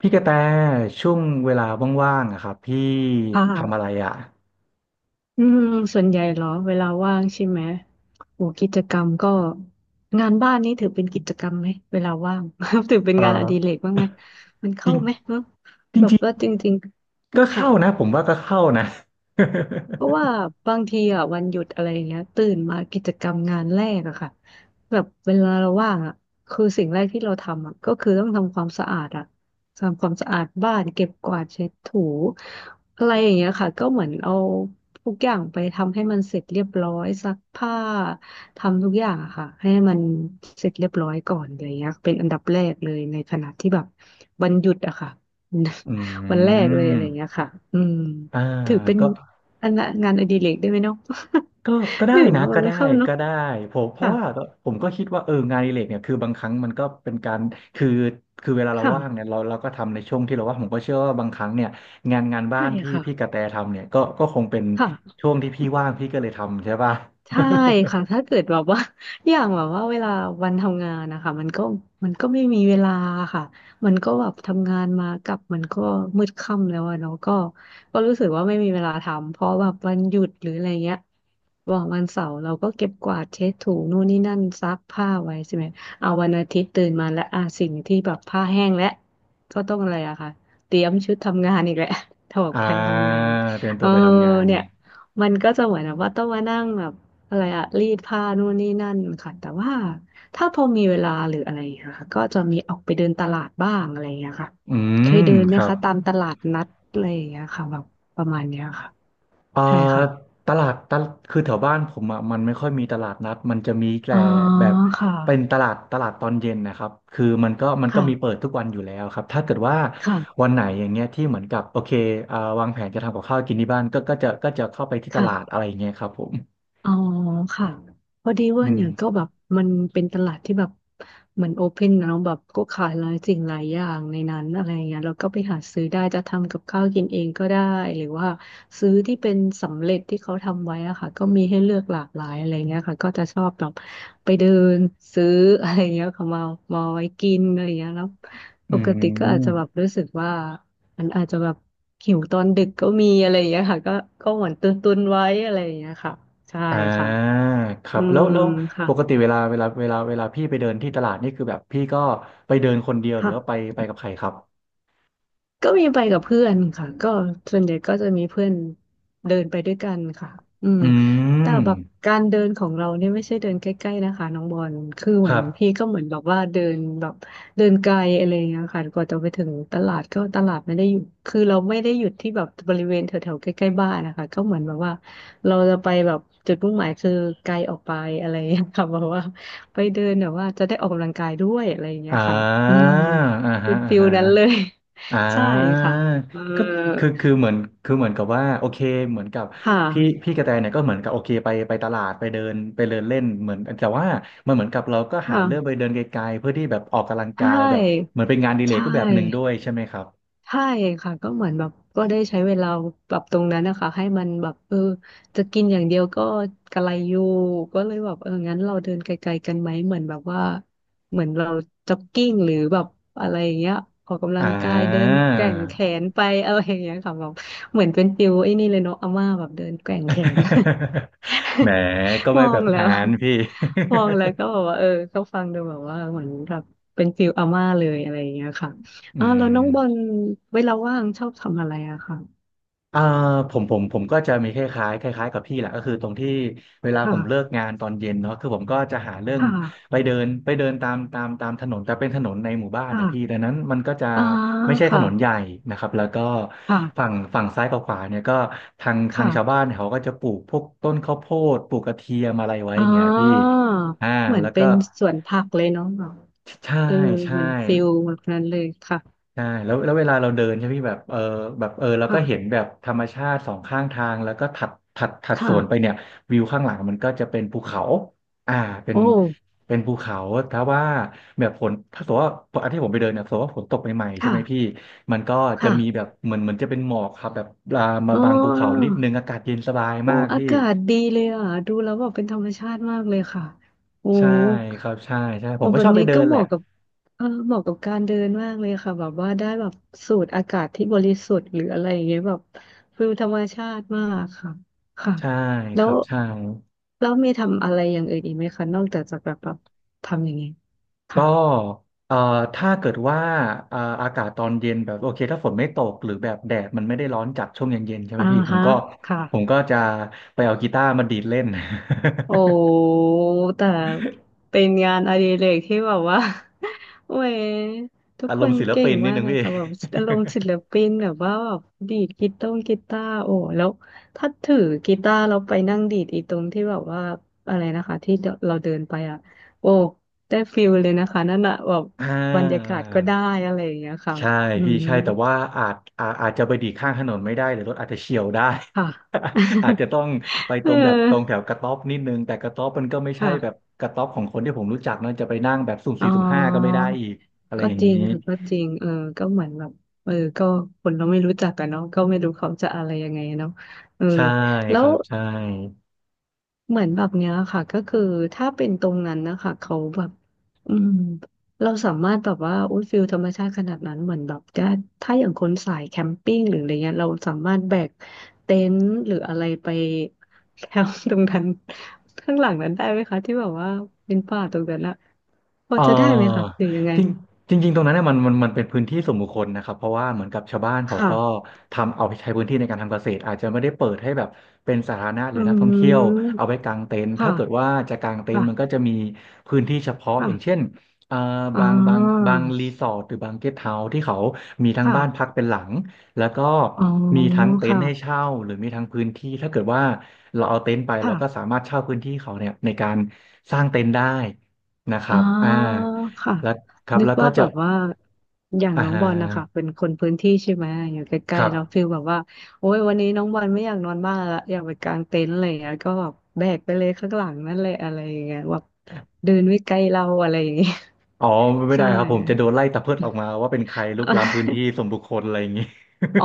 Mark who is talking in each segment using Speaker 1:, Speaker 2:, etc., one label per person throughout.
Speaker 1: พี่กระแตช่วงเวลาว่างๆอะครับพี่ทำอะ
Speaker 2: ค่ะ
Speaker 1: ไรอ่ะ
Speaker 2: อืมส่วนใหญ่เหรอ เวลาว่างใช่ไหมโหกิจกรรมก็งานบ้านนี่ถือเป็นกิจกรรมไหม เวลาว่าง ถือเป็น
Speaker 1: เอ
Speaker 2: งานอดิเร
Speaker 1: อ
Speaker 2: กบ้างไหม มัน
Speaker 1: จ
Speaker 2: เข้า
Speaker 1: ริง
Speaker 2: ไหมเนอะ
Speaker 1: จ
Speaker 2: แบบ
Speaker 1: ริง
Speaker 2: ว่าจริง
Speaker 1: ๆก็
Speaker 2: ๆ ค่ะ
Speaker 1: เข้านะผมว่าก็เข้านะ
Speaker 2: เพราะว่าบางทีอ่ะวันหยุดอะไรอย่างเงี้ยตื่นมากิจกรรมงานแรกอะค่ะแบบเวลาเราว่างอะคือสิ่งแรกที่เราทำอะก็คือต้องทำความสะอาดอะทำความสะอาดบ้านเก็บกวาดเช็ดถูอะไรอย่างเงี้ยค่ะก็เหมือนเอาทุกอย่างไปทำให้มันเสร็จเรียบร้อยซักผ้าทำทุกอย่างอะค่ะให้มันเสร็จเรียบร้อยก่อนอะไรอย่างเงี้ยเป็นอันดับแรกเลยในขณะที่แบบวันหยุดอะค่ะ
Speaker 1: อื
Speaker 2: วันแรกเลยอะ
Speaker 1: ม
Speaker 2: ไรอย่างเงี้ยค่ะอืม
Speaker 1: อ่า
Speaker 2: ถือเป็น
Speaker 1: ก็
Speaker 2: อันละงานอดิเรกได้ไหมเนาะ
Speaker 1: ก็ก็ ได้
Speaker 2: หนึ่ง
Speaker 1: นะ
Speaker 2: ว่ามั
Speaker 1: ก็
Speaker 2: นไม่
Speaker 1: ได้
Speaker 2: เข้าเนาะ
Speaker 1: ก็ได้ผมเพราะ
Speaker 2: ค่ะ
Speaker 1: ว่าผมก็คิดว่าเอองานอดิเรกเนี่ยคือบางครั้งมันก็เป็นการคือคือเวลาเราว่างเนี่
Speaker 2: ค่ะ
Speaker 1: ยเราก็ทำในช่วงที่เราว่างผมก็เชื่อว่าบางครั้งเนี่ยงานบ้า
Speaker 2: ใช่
Speaker 1: นที่
Speaker 2: ค่ะ
Speaker 1: พี่กระแตทำเนี่ยก็คงเป็น
Speaker 2: ค่ะ
Speaker 1: ช่วงที่พี่ว่างพี่ก็เลยทำใช่ป่ะ
Speaker 2: ใช่ค่ะถ้าเกิดแบบว่า อย่างแบบว่าเวลาวันทำงานนะคะมันก็ไม่มีเวลาค่ะมันก็แบบทำงานมากลับมันก็มืดค่ำแล้วอะเนาะก็ก็รู้สึกว่าไม่มีเวลาทำเพราะแบบวันหยุดหรืออะไรเงี้ยบอกวันเสาร์เราก็เก็บกวาดเช็ดถูนู่นนี่นั่นซักผ้าไว้ใช่ไหมเอาวันอาทิตย์ตื่นมาแล้วอ่ะสิ่งที่แบบผ้าแห้งแล้วก็ต้องอะไรอะค่ะเตรียมชุดทำงานอีกแหละ ถอด
Speaker 1: อ่า
Speaker 2: ไปทำงาน
Speaker 1: เตรียม
Speaker 2: เอ
Speaker 1: ตัว
Speaker 2: อ
Speaker 1: ไปทำงาน
Speaker 2: เนี่ยมันก็จะเหมือนแบบว่าต้องมานั่งแบบ อะไรอะรีดผ้านู่นนี่นั่นค่ะ แต่ว่าถ้าพอมีเวลาหรืออะไรอย่างเงี้ยค่ะ ก็จะมีออกไปเดินตลาดบ้างอะไรอย่างเงี้ยค่ะ
Speaker 1: อื
Speaker 2: เคย
Speaker 1: ม
Speaker 2: เดินไหม
Speaker 1: ครับ
Speaker 2: คะตามตลาดนัดอะไรอย่างเงี้ยค่ะแบบประมาณเนี้ยค่ะ
Speaker 1: เอ่อ
Speaker 2: ใช่ค่ะ
Speaker 1: ตลาดตลคือแถวบ้านผมอ่ะมันไม่ค่อยมีตลาดนัดมันจะมีแต่
Speaker 2: อ๋อ
Speaker 1: แบบ
Speaker 2: ค่ะ
Speaker 1: เป็นตลาดตอนเย็นนะครับคือมันก็มีเปิ
Speaker 2: ค่ะ
Speaker 1: ดทุกวันอยู่แล้วครับถ้าเกิดว่า
Speaker 2: ค่ะ
Speaker 1: วันไหนอย่างเงี้ยที่เหมือนกับโอเคเอ่าวางแผนจะทำกับข้าวกินที่บ้านก็จะเข้าไปที่ตลาดอะไร
Speaker 2: ค่ะ
Speaker 1: อย่างเงี้ยครับผม
Speaker 2: อ๋อค่ะพอดี
Speaker 1: อื
Speaker 2: ว่า
Speaker 1: ม
Speaker 2: เนี่ยก็แบบมันเป็นตลาดที่แบบเหมือนโอเพนนะแบบก็ขายหลายสิ่งหลายอย่างในนั้นอะไรเงี้ยเราก็ไปหาซื้อได้จะทำกับข้าวกินเองก็ได้หรือว่าซื้อที่เป็นสำเร็จที่เขาทำไว้อะค่ะก็มีให้เลือกหลากหลายอะไรเงี้ยค่ะก็จะชอบแบบไปเดินซื้ออะไรเงี้ยค่ะมามาไว้กินอะไรเงี้ยแล้ว
Speaker 1: อื
Speaker 2: ปกติก็อา
Speaker 1: ม
Speaker 2: จจะแบบรู้สึกว่า มันอาจจะแบบหิวตอนดึกก็มีอะไรอย่างเงี้ยค่ะก็เหมือนตุนตุนไว้อะไรอย่างเงี้ยค่ะใช่
Speaker 1: อ่
Speaker 2: ค่ะ
Speaker 1: าครั
Speaker 2: อื
Speaker 1: บ แล้
Speaker 2: ม
Speaker 1: วแล้ว
Speaker 2: ค่ะ
Speaker 1: ปกติเวลาพี่ไปเดินที่ตลาดนี่คือแบบพี่ก็ไปเดินคนเดียวหรื
Speaker 2: ค่ะ
Speaker 1: อว่าไปกับใครครับ
Speaker 2: ก็มีไปกับเพื่อนค่ะก็ส่วนใหญ่ก็จะมีเพื่อนเดินไปด้วยกันค่ะอืม
Speaker 1: อื
Speaker 2: แต่
Speaker 1: ม
Speaker 2: แบบการเดินของเราเนี่ยไม่ใช่เดินใกล้ๆนะคะน้องบอลคือเห
Speaker 1: ค
Speaker 2: มือ
Speaker 1: รั
Speaker 2: น
Speaker 1: บ
Speaker 2: พี่ก็เหมือนแบบว่าเดินแบบเดินไกลอะไรอย่างเงี้ยค่ะกว่าจะไปถึงตลาดก็ตลาดไม่ได้อยู่คือเราไม่ได้หยุดที่แบบบริเวณแถวๆใกล้ๆบ้านนะคะก็เหมือนแบบว่าเราจะไปแบบจุดมุ่งหมายคือไกลออกไปอะไรอย่างเงี้ยค่ะแบบว่าไปเดินแบบว่าจะได้ออกกำลังกายด้วยอะไรอย่างเงี้ย
Speaker 1: อ่
Speaker 2: ค่ะอื
Speaker 1: า
Speaker 2: ม
Speaker 1: อ่าฮะ
Speaker 2: เป็น
Speaker 1: อ่า
Speaker 2: ฟิ
Speaker 1: ฮ
Speaker 2: ลนั้นเล
Speaker 1: ะ
Speaker 2: ย
Speaker 1: อ่
Speaker 2: ใช่
Speaker 1: า
Speaker 2: ค่ะเอ
Speaker 1: ก็
Speaker 2: อ
Speaker 1: คือคือเหมือนคือเหมือนกับว่าโอเคเหมือนกับ
Speaker 2: ค่ะ
Speaker 1: พี่กระแตเนี่ยก็เหมือนกับโอเคไปตลาดไปเดินเล่นเหมือนแต่ว่ามันเหมือนกับเราก็หาเรื่องไป
Speaker 2: ค่ะ
Speaker 1: เดินไกลๆเพื่อที่แบบออกกำลัง
Speaker 2: ใช
Speaker 1: กายแบบ
Speaker 2: ่
Speaker 1: เหมือนเป็นงานอดีเลก
Speaker 2: ใช่
Speaker 1: รูปแบบหนึ่งด้วยใช่ไหมครับ
Speaker 2: ใช่ค่ะก็เหมือนแบบก็ได้ใช้เวลาปรับตรงนั้นนะคะให้มันแบบเออจะกินอย่างเดียวก็กระไรอยู่ก็เลยแบบเอองั้นเราเดินไกลๆกันไหมเหมือนแบบว่าเหมือนเราจ็อกกิ้งหรือแบบอะไรอย่างเงี้ยออกกำลัง
Speaker 1: อ่า
Speaker 2: กายเดินแกว่งแขนไปอะไรอย่างเงี้ยค่ะแบบเหมือนเป็นฟิลไอ้นี่เลยเนาะอาม่าแบบเดินแกว่งแขน
Speaker 1: แหม ก็
Speaker 2: ม
Speaker 1: ไม่
Speaker 2: อ
Speaker 1: แบ
Speaker 2: ง
Speaker 1: บ
Speaker 2: แล้
Speaker 1: นั้
Speaker 2: ว
Speaker 1: นพี่
Speaker 2: มองแล้วก็แบบว่าเออก็ฟังดูแบบว่าเหมือนแบบเป็นฟิลอาม่าเลยอะไรอย่างเงี้ยค่ะ
Speaker 1: อื
Speaker 2: อ่าแล้วน้องบอ
Speaker 1: ม
Speaker 2: ลเวลาว่างชอบทำอะไรอะค่ะ
Speaker 1: อ่าผมก็จะมีคล้ายๆคล้ายๆกับพี่แหละก็คือตรงที่เวลาผมเลิก
Speaker 2: ค่ะ
Speaker 1: งานตอนเย็นเนาะคือผมก็จะหาเรื่อ
Speaker 2: ค
Speaker 1: ง
Speaker 2: ่ะ
Speaker 1: ไปเดินไปเดินตามตามตามถนนแต่เป็นถนนในหมู่บ้านนะพี่
Speaker 2: ค่ะ
Speaker 1: ดังนั้นมันก็จะ
Speaker 2: อ่า
Speaker 1: ไม่ใช่ถ
Speaker 2: ค่ะ
Speaker 1: นนใหญ่นะครับแล้วก็ฝั่ง
Speaker 2: ค่ะ
Speaker 1: ฝั่งซ้ายกับขวาเนี่ยก็ทางชาวบ้าน
Speaker 2: ค่ะ
Speaker 1: เนี่ยเขาก็จะปลูกพวกต้นข้าวโพดปลูกกระเทียมอะไรไว้
Speaker 2: อ่
Speaker 1: อย่างเงี้ยพี่
Speaker 2: า
Speaker 1: อ่า
Speaker 2: เหมือน
Speaker 1: แล้ว
Speaker 2: เป็
Speaker 1: ก็
Speaker 2: นสวนผักเลยเนาะแบบ
Speaker 1: ใช่
Speaker 2: เออ
Speaker 1: ใช่
Speaker 2: เหมือนฟิลแบบนั้นเลยค่ะ
Speaker 1: ใช่แล้วแล้วเวลาเราเดินใช่ไหมพี่แบบเออแบบเออเราก็เห็น
Speaker 2: ค่ะ
Speaker 1: แบบธรรมชาติสองข้างทางแล้วก็ถัดส
Speaker 2: ค่ะ
Speaker 1: วนไปเนี่ยวิวข้างหลังมันก็จะเป็นภูเขาอ่าเป็น
Speaker 2: โอ้
Speaker 1: เป็นภูเขาถ้าว่าแบบฝนถ้าสมมติว่าอันที่ผมไปเดินเนี่ยสมมติว่าฝนตกใหม่ๆใช่
Speaker 2: ค่ะ
Speaker 1: ไหมพี่มันก็จะมีแบ
Speaker 2: ค่ะ
Speaker 1: บเหมือนจะเป็นหมอกครับแบบลามา
Speaker 2: อ๋
Speaker 1: บางภูเขา
Speaker 2: อ
Speaker 1: นิดนึงอากาศเย็นสบาย
Speaker 2: โอ้
Speaker 1: มาก
Speaker 2: อา
Speaker 1: พี่
Speaker 2: กาศดีเลยอ่ะดูแล้วแบบเป็นธรรมชาติมากเลยค่ะโอ้
Speaker 1: ใช่ครับใช่ใช่ผ
Speaker 2: โอ้
Speaker 1: มก็
Speaker 2: แบ
Speaker 1: ช
Speaker 2: บ
Speaker 1: อบไป
Speaker 2: นี้
Speaker 1: เดิ
Speaker 2: ก็
Speaker 1: น
Speaker 2: เห
Speaker 1: แหละ
Speaker 2: มาะกับเออเหมาะกับการเดินมากเลยค่ะแบบว่าได้แบบสูดอากาศที่บริสุทธิ์หรืออะไรอย่างเงี้ยแบบฟิลธรรมชาติมากค่ะค่ะ
Speaker 1: ใช่
Speaker 2: แล้
Speaker 1: ค
Speaker 2: ว
Speaker 1: รับใช่
Speaker 2: แล้วมีทำอะไรอย่างอื่นอีกไหมคะนอกจากแบบแบบทำอย่างนี้ย
Speaker 1: ก็
Speaker 2: ค่ะ
Speaker 1: เอ่อถ้าเกิดว่าอากาศตอนเย็นแบบโอเคถ้าฝนไม่ตกหรือแบบแดดมันไม่ได้ร้อนจัดช่วงเย็นๆใช่ไหม
Speaker 2: อ่า
Speaker 1: พี่ผม
Speaker 2: ฮะ
Speaker 1: ก็
Speaker 2: ค่ะ
Speaker 1: ผมก็จะไปเอากีตาร์มาดีดเล่น
Speaker 2: โอ้แต่เป็นงานอดิเรกที่แบบว่า โอ้ยทุก
Speaker 1: อาร
Speaker 2: ค
Speaker 1: ม
Speaker 2: น
Speaker 1: ณ์ศิล
Speaker 2: เก่
Speaker 1: ปิ
Speaker 2: ง
Speaker 1: นนิด
Speaker 2: มาก
Speaker 1: นึง
Speaker 2: เลย
Speaker 1: พี่
Speaker 2: ค่ะแบบอารมณ์ศิลปินแบบว่าแบบดีดกีตาร์โอ้แล้วถ้าถือกีตาร์เราไปนั่งดีดอีตรงที่แบบว่าอะไรนะคะที่เราเดินไปอ่ะโอ้ได้ฟิลเลยนะคะนั่นอะแบบ
Speaker 1: อ่
Speaker 2: บรรยากา
Speaker 1: า
Speaker 2: ศก็ได้อะไรอย่างเงี้ยค่ะ
Speaker 1: ใช่
Speaker 2: อื
Speaker 1: พี่
Speaker 2: ม
Speaker 1: ใช่แต่ว่าอาจจะไปดีดข้างถนนไม่ได้หรือรถอาจจะเฉี่ยวได้
Speaker 2: ค่ะ
Speaker 1: อาจจะต้องไป
Speaker 2: เอ
Speaker 1: ต
Speaker 2: อ
Speaker 1: รงแบบตรงแถวกระต๊อบนิดนึงแต่กระต๊อบมันก็ไม่ใช่แบบ
Speaker 2: ค่ะ
Speaker 1: กระต๊อบของคนที่ผมรู้จักเนอะจะไปนั่งแบบสุ่ม
Speaker 2: อ๋
Speaker 1: สี่
Speaker 2: อ
Speaker 1: สุ่มห้าก็ไม่ได้อีกอะไร
Speaker 2: ก็
Speaker 1: อย่าง
Speaker 2: จริ
Speaker 1: นี้
Speaker 2: งค่ะก็จริงเออก็เหมือนแบบเออก็คนเราไม่รู้จักกันเนาะก็ไม่รู้เขาจะอะไรยังไงเนาะเออ
Speaker 1: ใช่
Speaker 2: แล้
Speaker 1: ค
Speaker 2: ว
Speaker 1: รับใช่
Speaker 2: เหมือนแบบเนี้ยค่ะก็คือถ้าเป็นตรงนั้นนะคะเขาแบบอืมเราสามารถแบบว่าอุ้ยฟิลธรรมชาติขนาดนั้นเหมือนแบบถ้าอย่างคนสายแคมปิ้งหรืออะไรเงี้ยเราสามารถแบกเต็นท์หรืออะไรไปแคมป์ตรงนั้น ข้างหลังนั้นได้ไหมคะที่แบบว่าเป็นป่าตรงนั้นอะพอ
Speaker 1: เ
Speaker 2: จะได้ไหมคะ
Speaker 1: ออ
Speaker 2: หรือยังไง
Speaker 1: จริงจริงๆตรงนั้นเนี่ยมันเป็นพื้นที่ส่วนบุคคลนะครับเพราะว่าเหมือนกับชาวบ้าน
Speaker 2: ค
Speaker 1: เขาก็
Speaker 2: ่ะ
Speaker 1: ทำเอาไปใช้พื้นที่ในการทำเกษตรอาจจะไม่ได้เปิดให้แบบเป็นสาธารณะหรื
Speaker 2: อื
Speaker 1: อนักท่องเที่ยวเอา
Speaker 2: ม
Speaker 1: ไปกางเต็นท์ถ้าเกิด
Speaker 2: ค่ะ
Speaker 1: ว่าจะกางเต็น
Speaker 2: ค่ะ
Speaker 1: ท์มันก็จะมีพื้นที่เฉพาะอ
Speaker 2: ค่ะ
Speaker 1: ย่างเช่นเอ่อ
Speaker 2: อ๋อ
Speaker 1: บางบางบางรีสอร์ทหรือบางเกสต์เฮาส์ที่เขามีทั้งบ้านพัก
Speaker 2: ค่ะ
Speaker 1: เป็นหลังแล้วก็
Speaker 2: อ๋อ
Speaker 1: มีทั้งเต็น
Speaker 2: ค่ะ
Speaker 1: ท์ให้เช่าหรือมีทั้งพื้นที่ถ้าเกิดว่าเราเอาเต็นท์ไปเรา
Speaker 2: ค่ะ
Speaker 1: ก็สามารถเช่าพื้นที่เขาเนี่ยในการสร้างเต็นท์ได้ นะค
Speaker 2: อ๋
Speaker 1: รั
Speaker 2: อ
Speaker 1: บอ่า
Speaker 2: ค่ะ
Speaker 1: แล้วครับ
Speaker 2: นึก
Speaker 1: แล้วก็
Speaker 2: ว่าแบ
Speaker 1: จะ
Speaker 2: บว่าอย่าง
Speaker 1: อ่า
Speaker 2: น้อง
Speaker 1: ฮะ
Speaker 2: บอลนะคะเป็นคนพื้นที่ใช่ไหมอยู่ใก
Speaker 1: ค
Speaker 2: ล้
Speaker 1: รั
Speaker 2: ๆแล้วฟี
Speaker 1: บ
Speaker 2: ลแบบว่าโอ้ยวันนี้น้องบอลไม่อยากนอนบ้านละอยากไปกางเต็นท์อะไรอย่างเงี้ยก็แบบแบกไปเลยข้างหลังนั่นแหละอะไรอย่างเงี้ยแบบเดินไม่ไกลเราอะไรอย่างเงี้ย
Speaker 1: อ๋อ ไม่
Speaker 2: ใช่
Speaker 1: ได้ครับผมจะโดนไล่ตะเพิดออกมาว่าเป็นใครลุกล้ำพื้นที่ส่วนบุคคลอะไรอย่างนี้
Speaker 2: อ๋อ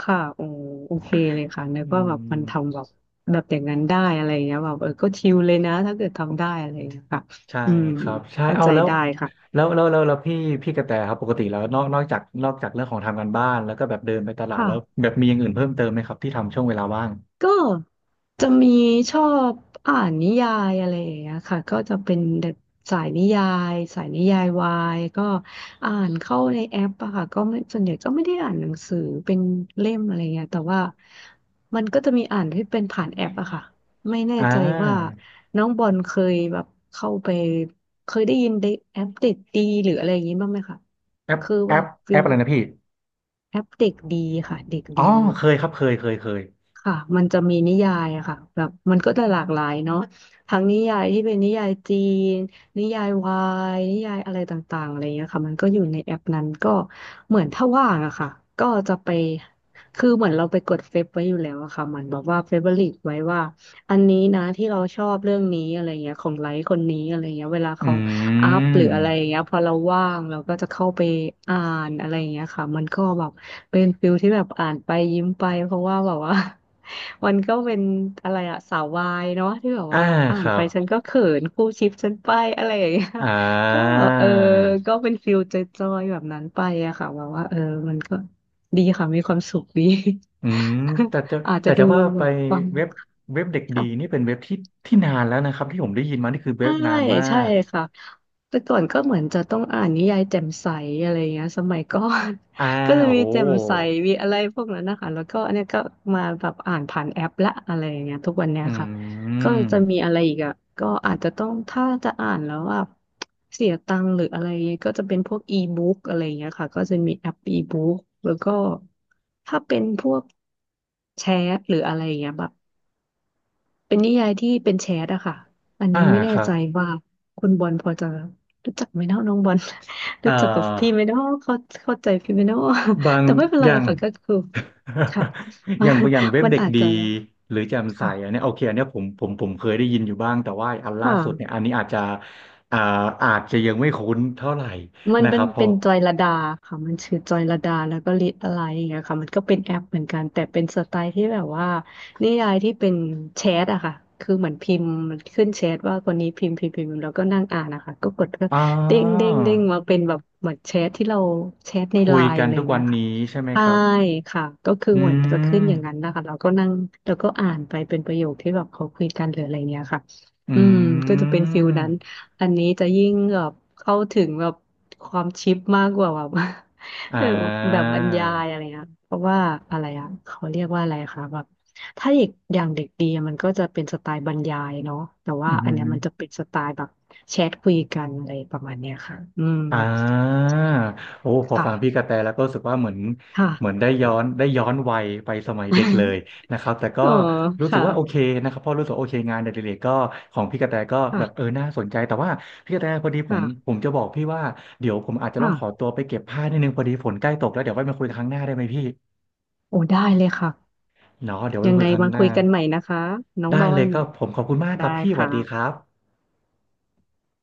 Speaker 2: ค่ะโอ้โอเคเลยค่ะ นึ
Speaker 1: อื
Speaker 2: กว่าแบบมัน
Speaker 1: ม
Speaker 2: ทำแบบแบบอย่างนั้นได้อะไรเงี้ยแบบเออก็ชิลเลยนะถ้าเกิดทำได้อะไรเงี้ยค่ะ
Speaker 1: ใช่
Speaker 2: อืม
Speaker 1: ครับ ใช่
Speaker 2: เข้า
Speaker 1: เอา
Speaker 2: ใจ
Speaker 1: แล้ว
Speaker 2: ได้ค่ะ
Speaker 1: แล้วพี่กระแตครับปกติแล้วนอกจากเรื่องของทำการบ้านแล้วก็แบบเดินไปตลาด
Speaker 2: ค่ะ
Speaker 1: แล้วแบบมีอย่างอื่นเพิ่มเติมไหมครับที่ทำช่วงเวลาว่าง
Speaker 2: ก็จะมีชอบอ่านนิยายอะไรอย่างเงี้ยค่ะก็จะเป็นแบบสายนิยายสายนิยายวายก็อ่านเข้าในแอปอะค่ะก็ไม่ส่วนใหญ่ก็ไม่ได้อ่านหนังสือเป็นเล่มอะไรเงี้ยแต่ว่ามันก็จะมีอ่านที่เป็นผ่านแอปอะค่ะไม่แน่
Speaker 1: อ่า
Speaker 2: ใจว่าน้องบอลเคยแบบเข้าไปเคยได้ยินเด็กแอปเด็กดีหรืออะไรอย่างงี้บ้างไหมคะ
Speaker 1: แอป
Speaker 2: คือ
Speaker 1: แอ
Speaker 2: ว่า
Speaker 1: ปแอ
Speaker 2: ฟิ
Speaker 1: ป
Speaker 2: ล
Speaker 1: อะไรนะพี่
Speaker 2: แอปเด็กดีค่ะเด็ก
Speaker 1: อ๋อ
Speaker 2: ดี
Speaker 1: เคยครับเคยเคย
Speaker 2: ค่ะมันจะมีนิยายอะค่ะแบบมันก็จะหลากหลายเนาะทั้งนิยายที่เป็นนิยายจีนนิยายวายนิยายอะไรต่างๆอะไรเงี้ยค่ะมันก็อยู่ในแอปนั้นก็เหมือนถ้าว่างอะค่ะก็จะไปคือเหมือนเราไปกดเฟซไว้อยู่แล้วอะค่ะเหมือนแบบว่าเฟเวอริตไว้ว่า อันนี้นะที่เราชอบเรื่องนี้อะไรเงี้ยของไลค์คนนี้อะไรเงี้ยเวลา
Speaker 1: อื
Speaker 2: เขาอัพหรืออะไร
Speaker 1: ม
Speaker 2: เงี้ยพอเราว่างเราก็จะเข้าไปอ่านอะไรเงี้ยค่ะมันก็แบบเป็นฟิลที่แบบอ่านไปยิ้มไปเพราะว่าแบบว่า มันก็เป็นอะไรอะสาววายเนาะที่แบบ
Speaker 1: อ่า
Speaker 2: ว่าอ่า
Speaker 1: ค
Speaker 2: น
Speaker 1: รั
Speaker 2: ไป
Speaker 1: บ
Speaker 2: ฉันก็เขินคู่ชิปฉันไปอะไรอย่างเงี้ย
Speaker 1: อ่
Speaker 2: ก็
Speaker 1: า
Speaker 2: เออก็เป็นฟิลจอยๆแบบนั้นไปอะค่ะแบบว่าเออมันก็ดีค่ะมีความสุขดี
Speaker 1: อืมแต่จะ
Speaker 2: อาจ
Speaker 1: แต่
Speaker 2: จะดู
Speaker 1: จะว่า
Speaker 2: แบ
Speaker 1: ไป
Speaker 2: บฟัง
Speaker 1: เว็บเว็บเด็กดี
Speaker 2: ค่ะ
Speaker 1: นี่เป็นเว็บที่ที่นานแล้วนะครับที่ผมได้ยินมานี่คือเว็
Speaker 2: ใช่
Speaker 1: บนานมา
Speaker 2: ใช่
Speaker 1: ก
Speaker 2: ค่ะแต่ก่อนก็เหมือนจะต้องอ่านนิยายแจ่มใสอะไรเงี้ยสมัยก่อน
Speaker 1: อ่า
Speaker 2: ก็จะ
Speaker 1: โอ้
Speaker 2: มี
Speaker 1: โห
Speaker 2: แจ่มใสมีอะไรพวกนั้นนะคะแล้วก็อันเนี้ยก็มาแบบอ่านผ่านแอปละอะไรอย่างเงี้ยทุกวันเนี้
Speaker 1: อื
Speaker 2: ยค่ะก็จะมี
Speaker 1: ม
Speaker 2: อะไรอีกอ่ะก็อาจจะต้องถ้าจะอ่านแล้วอ่ะเสียตังค์หรืออะไรเงี้ยก็จะเป็นพวกอีบุ๊กอะไรเงี้ยค่ะก็จะมีแอปอีบุ๊กแล้วก็ถ้าเป็นพวกแชทหรืออะไรเงี้ยแบบ เป็นนิยายที่เป็นแชทอะค่ะ อัน
Speaker 1: อ่า
Speaker 2: นี้ไม่แน่
Speaker 1: ครับ
Speaker 2: ใจว่าคุณบอลพอจะรู้จักไหมเนาะน้องบอล
Speaker 1: เอ่
Speaker 2: รู้จักกับพี่ไห
Speaker 1: อ
Speaker 2: มเนาะเข้าเข้าใจพี่ไหมเนาะ
Speaker 1: บา ง
Speaker 2: แต่ไม่เป็น
Speaker 1: อ
Speaker 2: ไร
Speaker 1: ย่าง
Speaker 2: ค่ะก็คือค่ะ มั
Speaker 1: อ
Speaker 2: น
Speaker 1: ย่างอย่างเว็บ
Speaker 2: มัน
Speaker 1: เด็ก
Speaker 2: อาจ
Speaker 1: ดี
Speaker 2: จะ
Speaker 1: หรือแจ่มใสอัน
Speaker 2: ค่ะ
Speaker 1: เนี้ยโอเคอันเนี้ยผมเคยได้ยินอยู่บ้างแต่ว่าอัน
Speaker 2: ค
Speaker 1: ล่าสุดเนี่ย
Speaker 2: ่ะ
Speaker 1: อันนี้อาจจะอ่าอาจจะยังไม่คุ้นเท่าไหร่
Speaker 2: มัน
Speaker 1: นะค
Speaker 2: เป็น
Speaker 1: รับพอ
Speaker 2: เป็นจอยลดาค่ะมันชื่อจอยลดาแล้วก็ลิตอะไรอย่างเงี้ยค่ะมันก็เป็นแอปเหมือนกันแต่เป็นสไตล์ที่แบบว่านิยายที่เป็นแชทอะค่ะคือเหมือนพิมพ์มันขึ้นแชทว่าคนนี้พิมพ์พิมพ์แล้วก็นั่งอ่านนะคะก็กดก็
Speaker 1: อ่า
Speaker 2: เด้งเด้งมาเป็นแบบเหมือนแชทที่เราแชทในไล
Speaker 1: คุย
Speaker 2: น์
Speaker 1: กัน
Speaker 2: อะไรอ
Speaker 1: ทุก
Speaker 2: ย่าง
Speaker 1: วั
Speaker 2: เงี้
Speaker 1: น
Speaker 2: ยค่ะ
Speaker 1: นี้ใช่ไหม
Speaker 2: ใช่
Speaker 1: ครับ
Speaker 2: ค่ะก็คือ
Speaker 1: อื
Speaker 2: เหมือนจะขึ้
Speaker 1: ม
Speaker 2: นอย่างนั้นนะคะเราก็นั่งแล้วก็อ่านไปเป็นประโยคที่แบบเขาคุยกันหรืออะไรเงี้ยค่ะ
Speaker 1: อื
Speaker 2: อืมก็จะเป็นฟิล
Speaker 1: ม
Speaker 2: นั้น อันนี้จะยิ่งแบบเข้าถึงแบบความชิปมากกว่าแบบ
Speaker 1: อ่
Speaker 2: เออแบบ
Speaker 1: า
Speaker 2: บรรยายอะไรนะเพราะว่าอะไรอ่ะเขาเรียกว่าอะไรคะแบบถ้าเด็กอย่างเด็กดีอะมันก็จะเป็นสไตล์บรรยายเนาะแต่
Speaker 1: อื
Speaker 2: ว่า
Speaker 1: มอ
Speaker 2: อั
Speaker 1: หื
Speaker 2: น
Speaker 1: อ
Speaker 2: เนี้ยมันจะเป็นสไตล์แบบแชทคุยกันอะไรประมาณเนี้ยค่ะอืม
Speaker 1: อ่า
Speaker 2: ใช่
Speaker 1: โอ้พอ
Speaker 2: ค่ะ
Speaker 1: ฟังพี่กระแตแล้วก็รู้สึกว่าเหมือน
Speaker 2: ค่ะ
Speaker 1: เหมือนได้ย้อนย้อนวัยไปสมัยเด็กเลยนะครับแต่ ก็
Speaker 2: เออ
Speaker 1: รู้สึก
Speaker 2: ค่ะ
Speaker 1: ว่าโอเคนะครับเพราะรู้สึกว่าโอเคงานอดิเรกก็ของพี่กระแตก็แบบเออ
Speaker 2: ค่ะ
Speaker 1: น่าสนใจแต่ว่าพี่กระแตพอดีผม
Speaker 2: ค่ะ
Speaker 1: ผมจะบอกพี่ว่าเดี๋ยวผมอาจจะต้องขอตั
Speaker 2: ค่ะ
Speaker 1: วไปเก็บผ้านิดนึงพอดีฝนใกล้ตกแล้วเดี๋ยวไว้มาคุยครั้งหน้าได้ไหมพี่
Speaker 2: โอ้ได้เลยค่ะ
Speaker 1: เนาะเดี๋ยวไว้
Speaker 2: ยั
Speaker 1: มา
Speaker 2: ง
Speaker 1: คุ
Speaker 2: ไง
Speaker 1: ยครั้ง
Speaker 2: มา
Speaker 1: ห
Speaker 2: คุ
Speaker 1: น้า
Speaker 2: ยกันใหม่นะคะน้อง
Speaker 1: ได้
Speaker 2: บอ
Speaker 1: เลย
Speaker 2: ล
Speaker 1: ก็ผมขอบคุณมากค
Speaker 2: ได้
Speaker 1: รับพี่หวัด
Speaker 2: ค่ะ
Speaker 1: ดีครับ